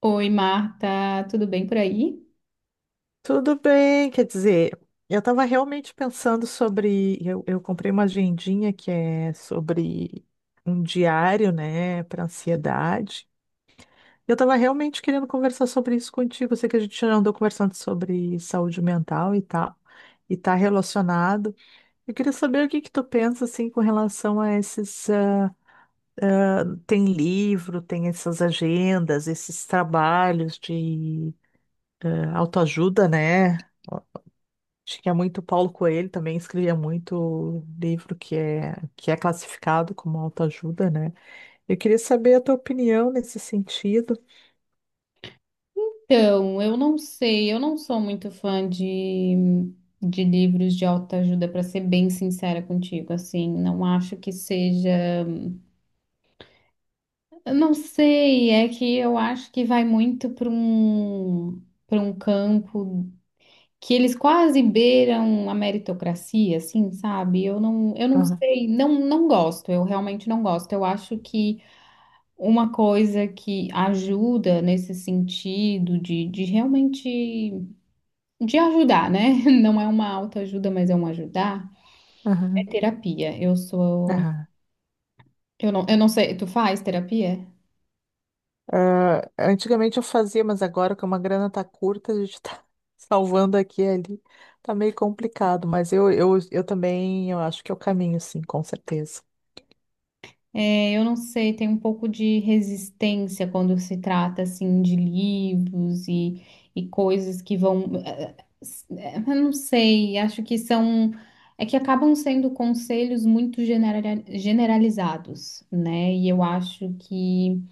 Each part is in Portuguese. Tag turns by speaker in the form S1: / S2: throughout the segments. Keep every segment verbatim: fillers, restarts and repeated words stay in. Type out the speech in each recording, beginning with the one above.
S1: Oi, Marta, tudo bem por aí?
S2: Tudo bem, quer dizer, eu estava realmente pensando sobre. Eu, eu comprei uma agendinha que é sobre um diário, né, para ansiedade. Eu estava realmente querendo conversar sobre isso contigo. Eu sei que a gente já andou conversando sobre saúde mental e tal, e está relacionado. Eu queria saber o que que tu pensa assim com relação a esses. ah, ah, tem livro, tem essas agendas, esses trabalhos de ah, autoajuda, né? Acho que é muito Paulo Coelho também escrevia muito livro que é, que é classificado como autoajuda, né? Eu queria saber a tua opinião nesse sentido.
S1: Então, eu não sei, eu não sou muito fã de, de livros de autoajuda, para ser bem sincera contigo, assim, não acho que seja. Eu não sei, é que eu acho que vai muito para um, para um campo que eles quase beiram a meritocracia, assim, sabe? Eu não, eu não
S2: Aham,
S1: sei, não, não gosto, eu realmente não gosto. Eu acho que uma coisa que ajuda nesse sentido de, de realmente de ajudar, né? Não é uma autoajuda, mas é um ajudar, é
S2: aham,
S1: terapia. Eu sou,
S2: aham.
S1: eu não, eu não sei, tu faz terapia?
S2: Ah, antigamente eu fazia, mas agora que uma grana tá curta, a gente tá salvando aqui e ali. Tá meio complicado, mas eu, eu, eu também eu acho que é o caminho, sim, com certeza.
S1: É, eu não sei, tem um pouco de resistência quando se trata assim de livros e, e coisas que vão, eh, eh, eu não sei, acho que são é que acabam sendo conselhos muito genera- generalizados, né? E eu acho que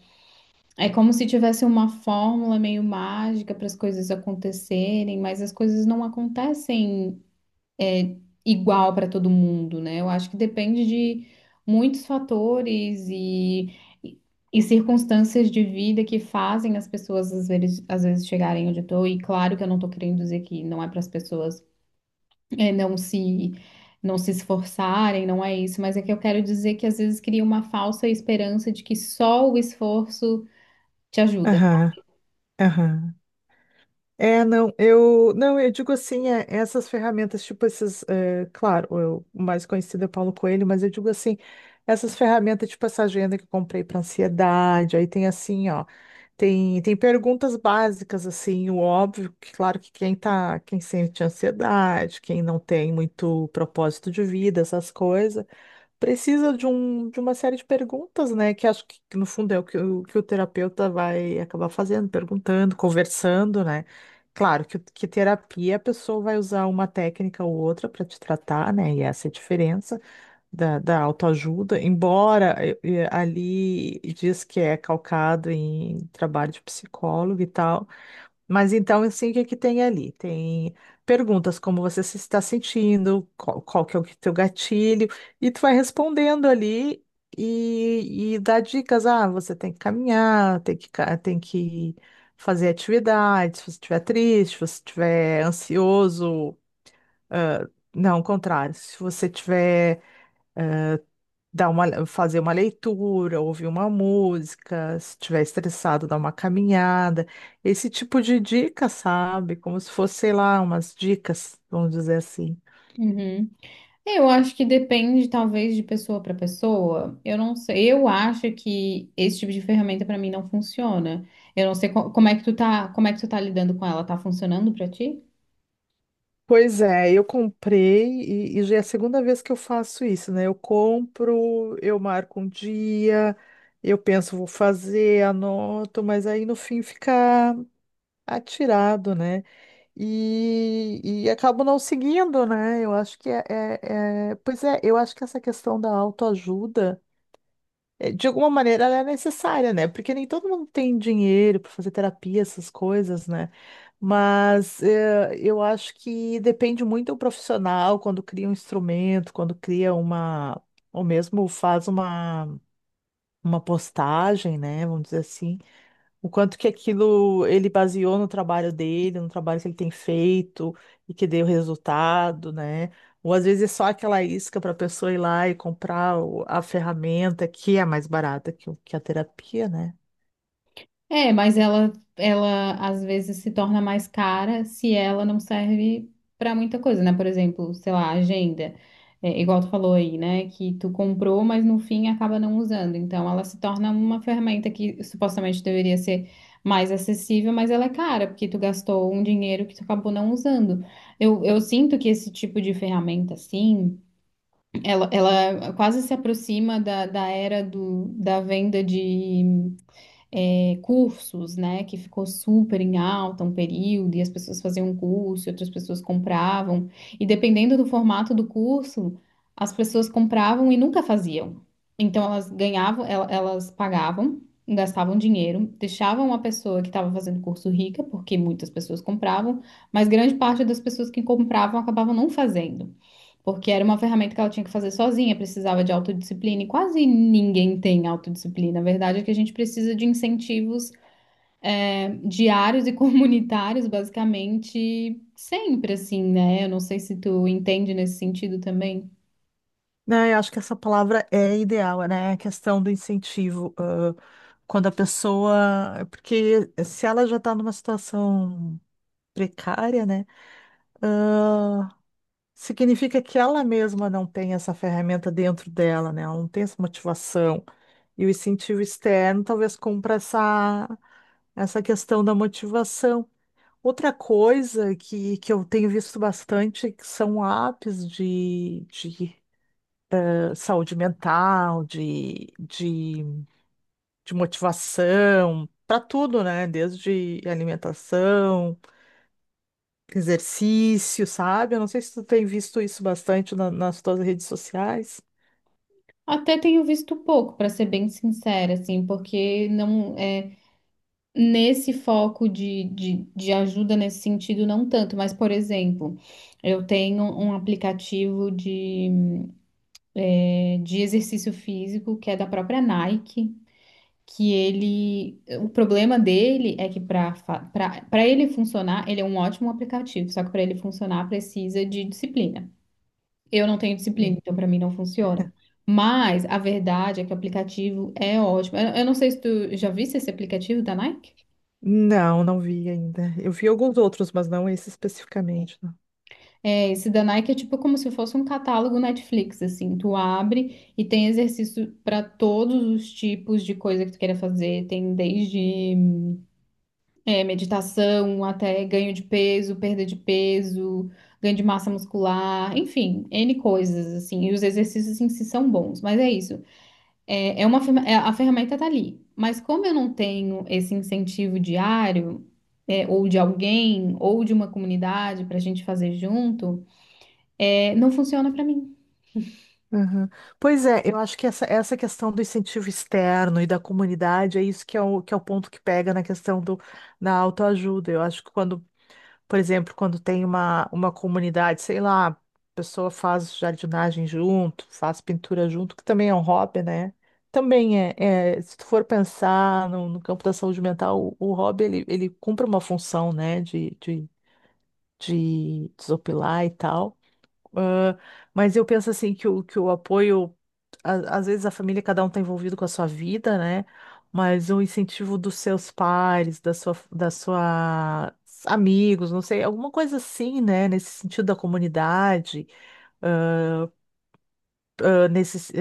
S1: é como se tivesse uma fórmula meio mágica para as coisas acontecerem, mas as coisas não acontecem igual para todo mundo, né? Eu acho que depende de muitos fatores e, e, e circunstâncias de vida que fazem as pessoas às vezes, às vezes chegarem onde eu estou. E claro que eu não estou querendo dizer que não é para as pessoas é, não se não se esforçarem, não é isso, mas é que eu quero dizer que às vezes cria uma falsa esperança de que só o esforço te ajuda.
S2: Aham, aham. É, não, eu não, eu digo assim, é, essas ferramentas, tipo esses, é, claro, eu- o mais conhecido é Paulo Coelho, mas eu digo assim, essas ferramentas, tipo essa agenda que eu comprei para ansiedade, aí tem assim, ó, tem, tem perguntas básicas, assim, o óbvio, que claro que quem tá, quem sente ansiedade, quem não tem muito propósito de vida, essas coisas precisa de, um, de uma série de perguntas, né? Que acho que, que no fundo é o que, o que o terapeuta vai acabar fazendo, perguntando, conversando, né? Claro que, que terapia a pessoa vai usar uma técnica ou outra para te tratar, né? E essa é a diferença da, da autoajuda, embora eh, eh, ali diz que é calcado em trabalho de psicólogo e tal. Mas então, assim, o que é que tem ali? Tem perguntas como você se está sentindo, qual, qual que é o que- teu gatilho, e tu vai respondendo ali e, e dá dicas. Ah, você tem que caminhar, tem que, ca- tem que fazer atividades, se você estiver triste, se você estiver ansioso, ah, não, ao contrário, se você estiver dar uma, fazer uma leitura, ouvir uma música, se estiver estressado, dar uma caminhada, esse tipo de dica, sabe? Como se fosse, sei lá, umas dicas, vamos dizer assim.
S1: Uhum. Eu acho que depende, talvez, de pessoa para pessoa. Eu não sei. Eu acho que esse tipo de ferramenta para mim não funciona. Eu não sei co- como é que tu tá, como é que tu tá lidando com ela. Tá funcionando para ti?
S2: Pois é, eu comprei e, e já é a segunda vez que eu faço isso, né? Eu compro, eu marco um dia, eu penso, vou fazer, anoto, mas aí no fim fica atirado, né? e, e acabo não seguindo, né? Eu acho que é, é- é- Pois é, eu acho que essa questão da autoajuda, é, de alguma maneira, ela é necessária, né? Porque nem todo mundo tem dinheiro para fazer terapia, essas coisas, né? Mas é, eu acho que depende muito do profissional quando cria um instrumento, quando cria uma. Ou mesmo faz uma, uma postagem, né? Vamos dizer assim. O quanto que aquilo ele baseou no trabalho dele, no trabalho que ele tem feito e que deu resultado, né? Ou às vezes é só aquela isca para a pessoa ir lá e comprar o- a ferramenta que é mais barata que, o- que a terapia, né?
S1: É, mas ela, ela às vezes se torna mais cara se ela não serve para muita coisa, né? Por exemplo, sei lá, agenda. É, igual tu falou aí, né? Que tu comprou, mas no fim acaba não usando. Então ela se torna uma ferramenta que supostamente deveria ser mais acessível, mas ela é cara, porque tu gastou um dinheiro que tu acabou não usando. Eu, eu sinto que esse tipo de ferramenta, assim, ela, ela quase se aproxima da, da era do, da venda de é, cursos, né, que ficou super em alta um período, e as pessoas faziam um curso, e outras pessoas compravam, e dependendo do formato do curso, as pessoas compravam e nunca faziam. Então elas ganhavam, el- elas pagavam, gastavam dinheiro, deixavam a pessoa que estava fazendo curso rica, porque muitas pessoas compravam, mas grande parte das pessoas que compravam acabavam não fazendo. Porque era uma ferramenta que ela tinha que fazer sozinha, precisava de autodisciplina, e quase ninguém tem autodisciplina. A verdade é que a gente precisa de incentivos é, diários e comunitários, basicamente, sempre assim, né? Eu não sei se tu entende nesse sentido também.
S2: Né, eu acho que essa palavra é ideal, né? A questão do incentivo. ãh, quando a pessoa. Porque se ela já está numa situação precária, né? Significa que ela mesma não tem essa ferramenta dentro dela, né? Ela não tem essa motivação. E o incentivo externo talvez compra essa, essa questão da motivação. Outra coisa que, que eu tenho visto bastante que são apps de, de eh, saúde mental, de, de, de motivação, para tudo, né? Desde alimentação, exercício, sabe? Eu não sei se tu tem visto isso bastante na- nas tuas redes sociais.
S1: Até tenho visto pouco, para ser bem sincera, assim, porque não é nesse foco de, de, de ajuda nesse sentido, não tanto, mas, por exemplo, eu tenho um aplicativo de de exercício físico, que é da própria Nike, que ele, o problema dele é que para para ele funcionar, ele é um ótimo aplicativo, só que para ele funcionar precisa de disciplina. Eu não tenho disciplina,
S2: Hum.
S1: então para mim não funciona. Mas a verdade é que o aplicativo é ótimo. Eu, eu não sei se tu já viste esse aplicativo da Nike?
S2: Não, não vi ainda. Eu vi alguns outros, mas não esse especificamente. Não.
S1: É, esse da Nike é tipo como se fosse um catálogo Netflix, assim, tu abre e tem exercício para todos os tipos de coisa que tu queira fazer, tem desde É, meditação, até ganho de peso, perda de peso, ganho de massa muscular, enfim, ene coisas, assim. E os exercícios em si são bons, mas é isso. É, é uma, ferma- é- a ferramenta tá ali. Mas como eu não tenho esse incentivo diário, é, ou de alguém, ou de uma comunidade pra gente fazer junto, é, não funciona pra mim.
S2: Aham. Pois é, eu acho que essa, essa questão do incentivo externo e da comunidade é isso que é o, que é o ponto que pega na questão do, da autoajuda. Eu acho que quando, por exemplo, quando tem uma, uma comunidade, sei lá, a pessoa faz jardinagem junto, faz pintura junto, que também é um hobby, né? Também é, é, se tu for pensar no, no campo da saúde mental, o, o hobby ele, ele cumpre uma função, né, de de desopilar e tal. Ah, mas eu penso assim que o, que o apoio, a- às vezes a família, cada um está envolvido com a sua vida, né? Mas o incentivo dos seus pares, da sua, da sua amigos, não sei, alguma coisa assim, né? Nesse sentido da comunidade, ah, nesse,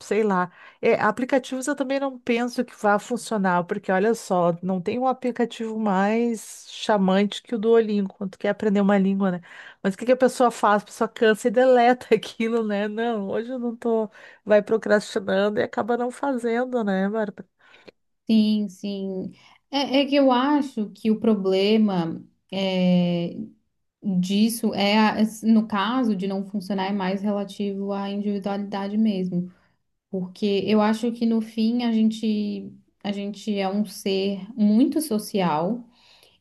S2: sei lá. É, aplicativos eu também não penso que vá funcionar, porque olha só, não tem um aplicativo mais chamante que o Duolingo, quando tu quer aprender uma língua, né? Mas o que que a pessoa faz? A pessoa cansa e deleta aquilo, né? Não, hoje eu não tô, vai procrastinando e acaba não fazendo, né, Bárbara?
S1: Sim, sim. É, é que eu acho que o problema é, disso é, a- es- no caso de não funcionar, é mais relativo à individualidade mesmo. Porque eu acho que no fim a gente, a gente é um ser muito social.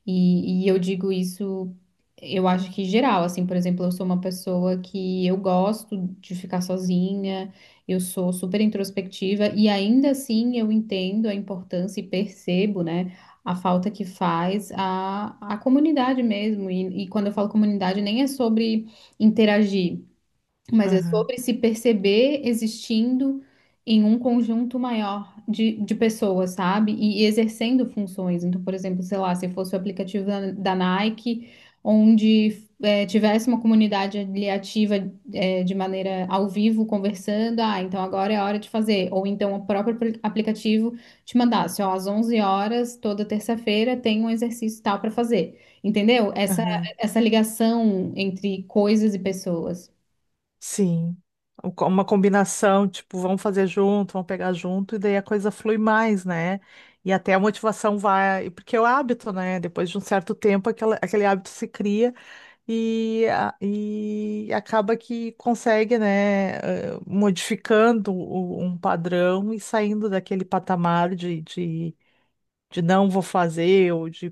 S1: E, e eu digo isso, eu acho que geral, assim, por exemplo, eu sou uma pessoa que eu gosto de ficar sozinha, eu sou super introspectiva e ainda assim eu entendo a importância e percebo, né, a falta que faz a, a comunidade mesmo. E, e quando eu falo comunidade, nem é sobre interagir mas é
S2: Aham,
S1: sobre se perceber existindo em um conjunto maior de, de pessoas, sabe? E, e exercendo funções. Então, por exemplo, sei lá, se fosse o aplicativo da, da Nike, onde é, tivesse uma comunidade ali ativa é, de maneira ao vivo conversando, ah, então agora é a hora de fazer. Ou então o próprio apli- aplicativo te mandasse, ó, às onze horas, toda terça-feira, tem um exercício tal para fazer. Entendeu? Essa,
S2: aham.
S1: essa ligação entre coisas e pessoas.
S2: Sim. Um co- Uma combinação, tipo, vamos fazer junto, vamos pegar junto, e daí a coisa flui mais, né? E até a motivação vai, porque é o hábito, né? Depois de um certo tempo, aquela, aquele hábito se cria e, a- e acaba que consegue, né, eh, modificando o- um padrão e saindo daquele patamar de não vou fazer, ou de,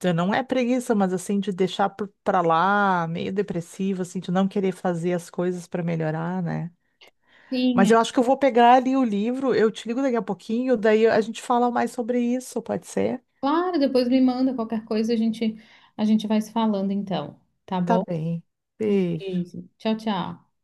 S2: de não é preguiça, mas assim, de deixar por- pra lá, meio depressivo, assim, de não querer fazer as coisas pra melhorar, né? Mas
S1: Sim,
S2: eu acho que eu vou pegar ali o livro, eu te ligo daqui a pouquinho, daí a gente fala mais sobre isso, pode ser?
S1: claro, depois me manda qualquer coisa, a gente, a gente vai se falando então, tá
S2: Tá
S1: bom?
S2: bem.
S1: Um
S2: Beijo.
S1: beijo. Tchau, tchau.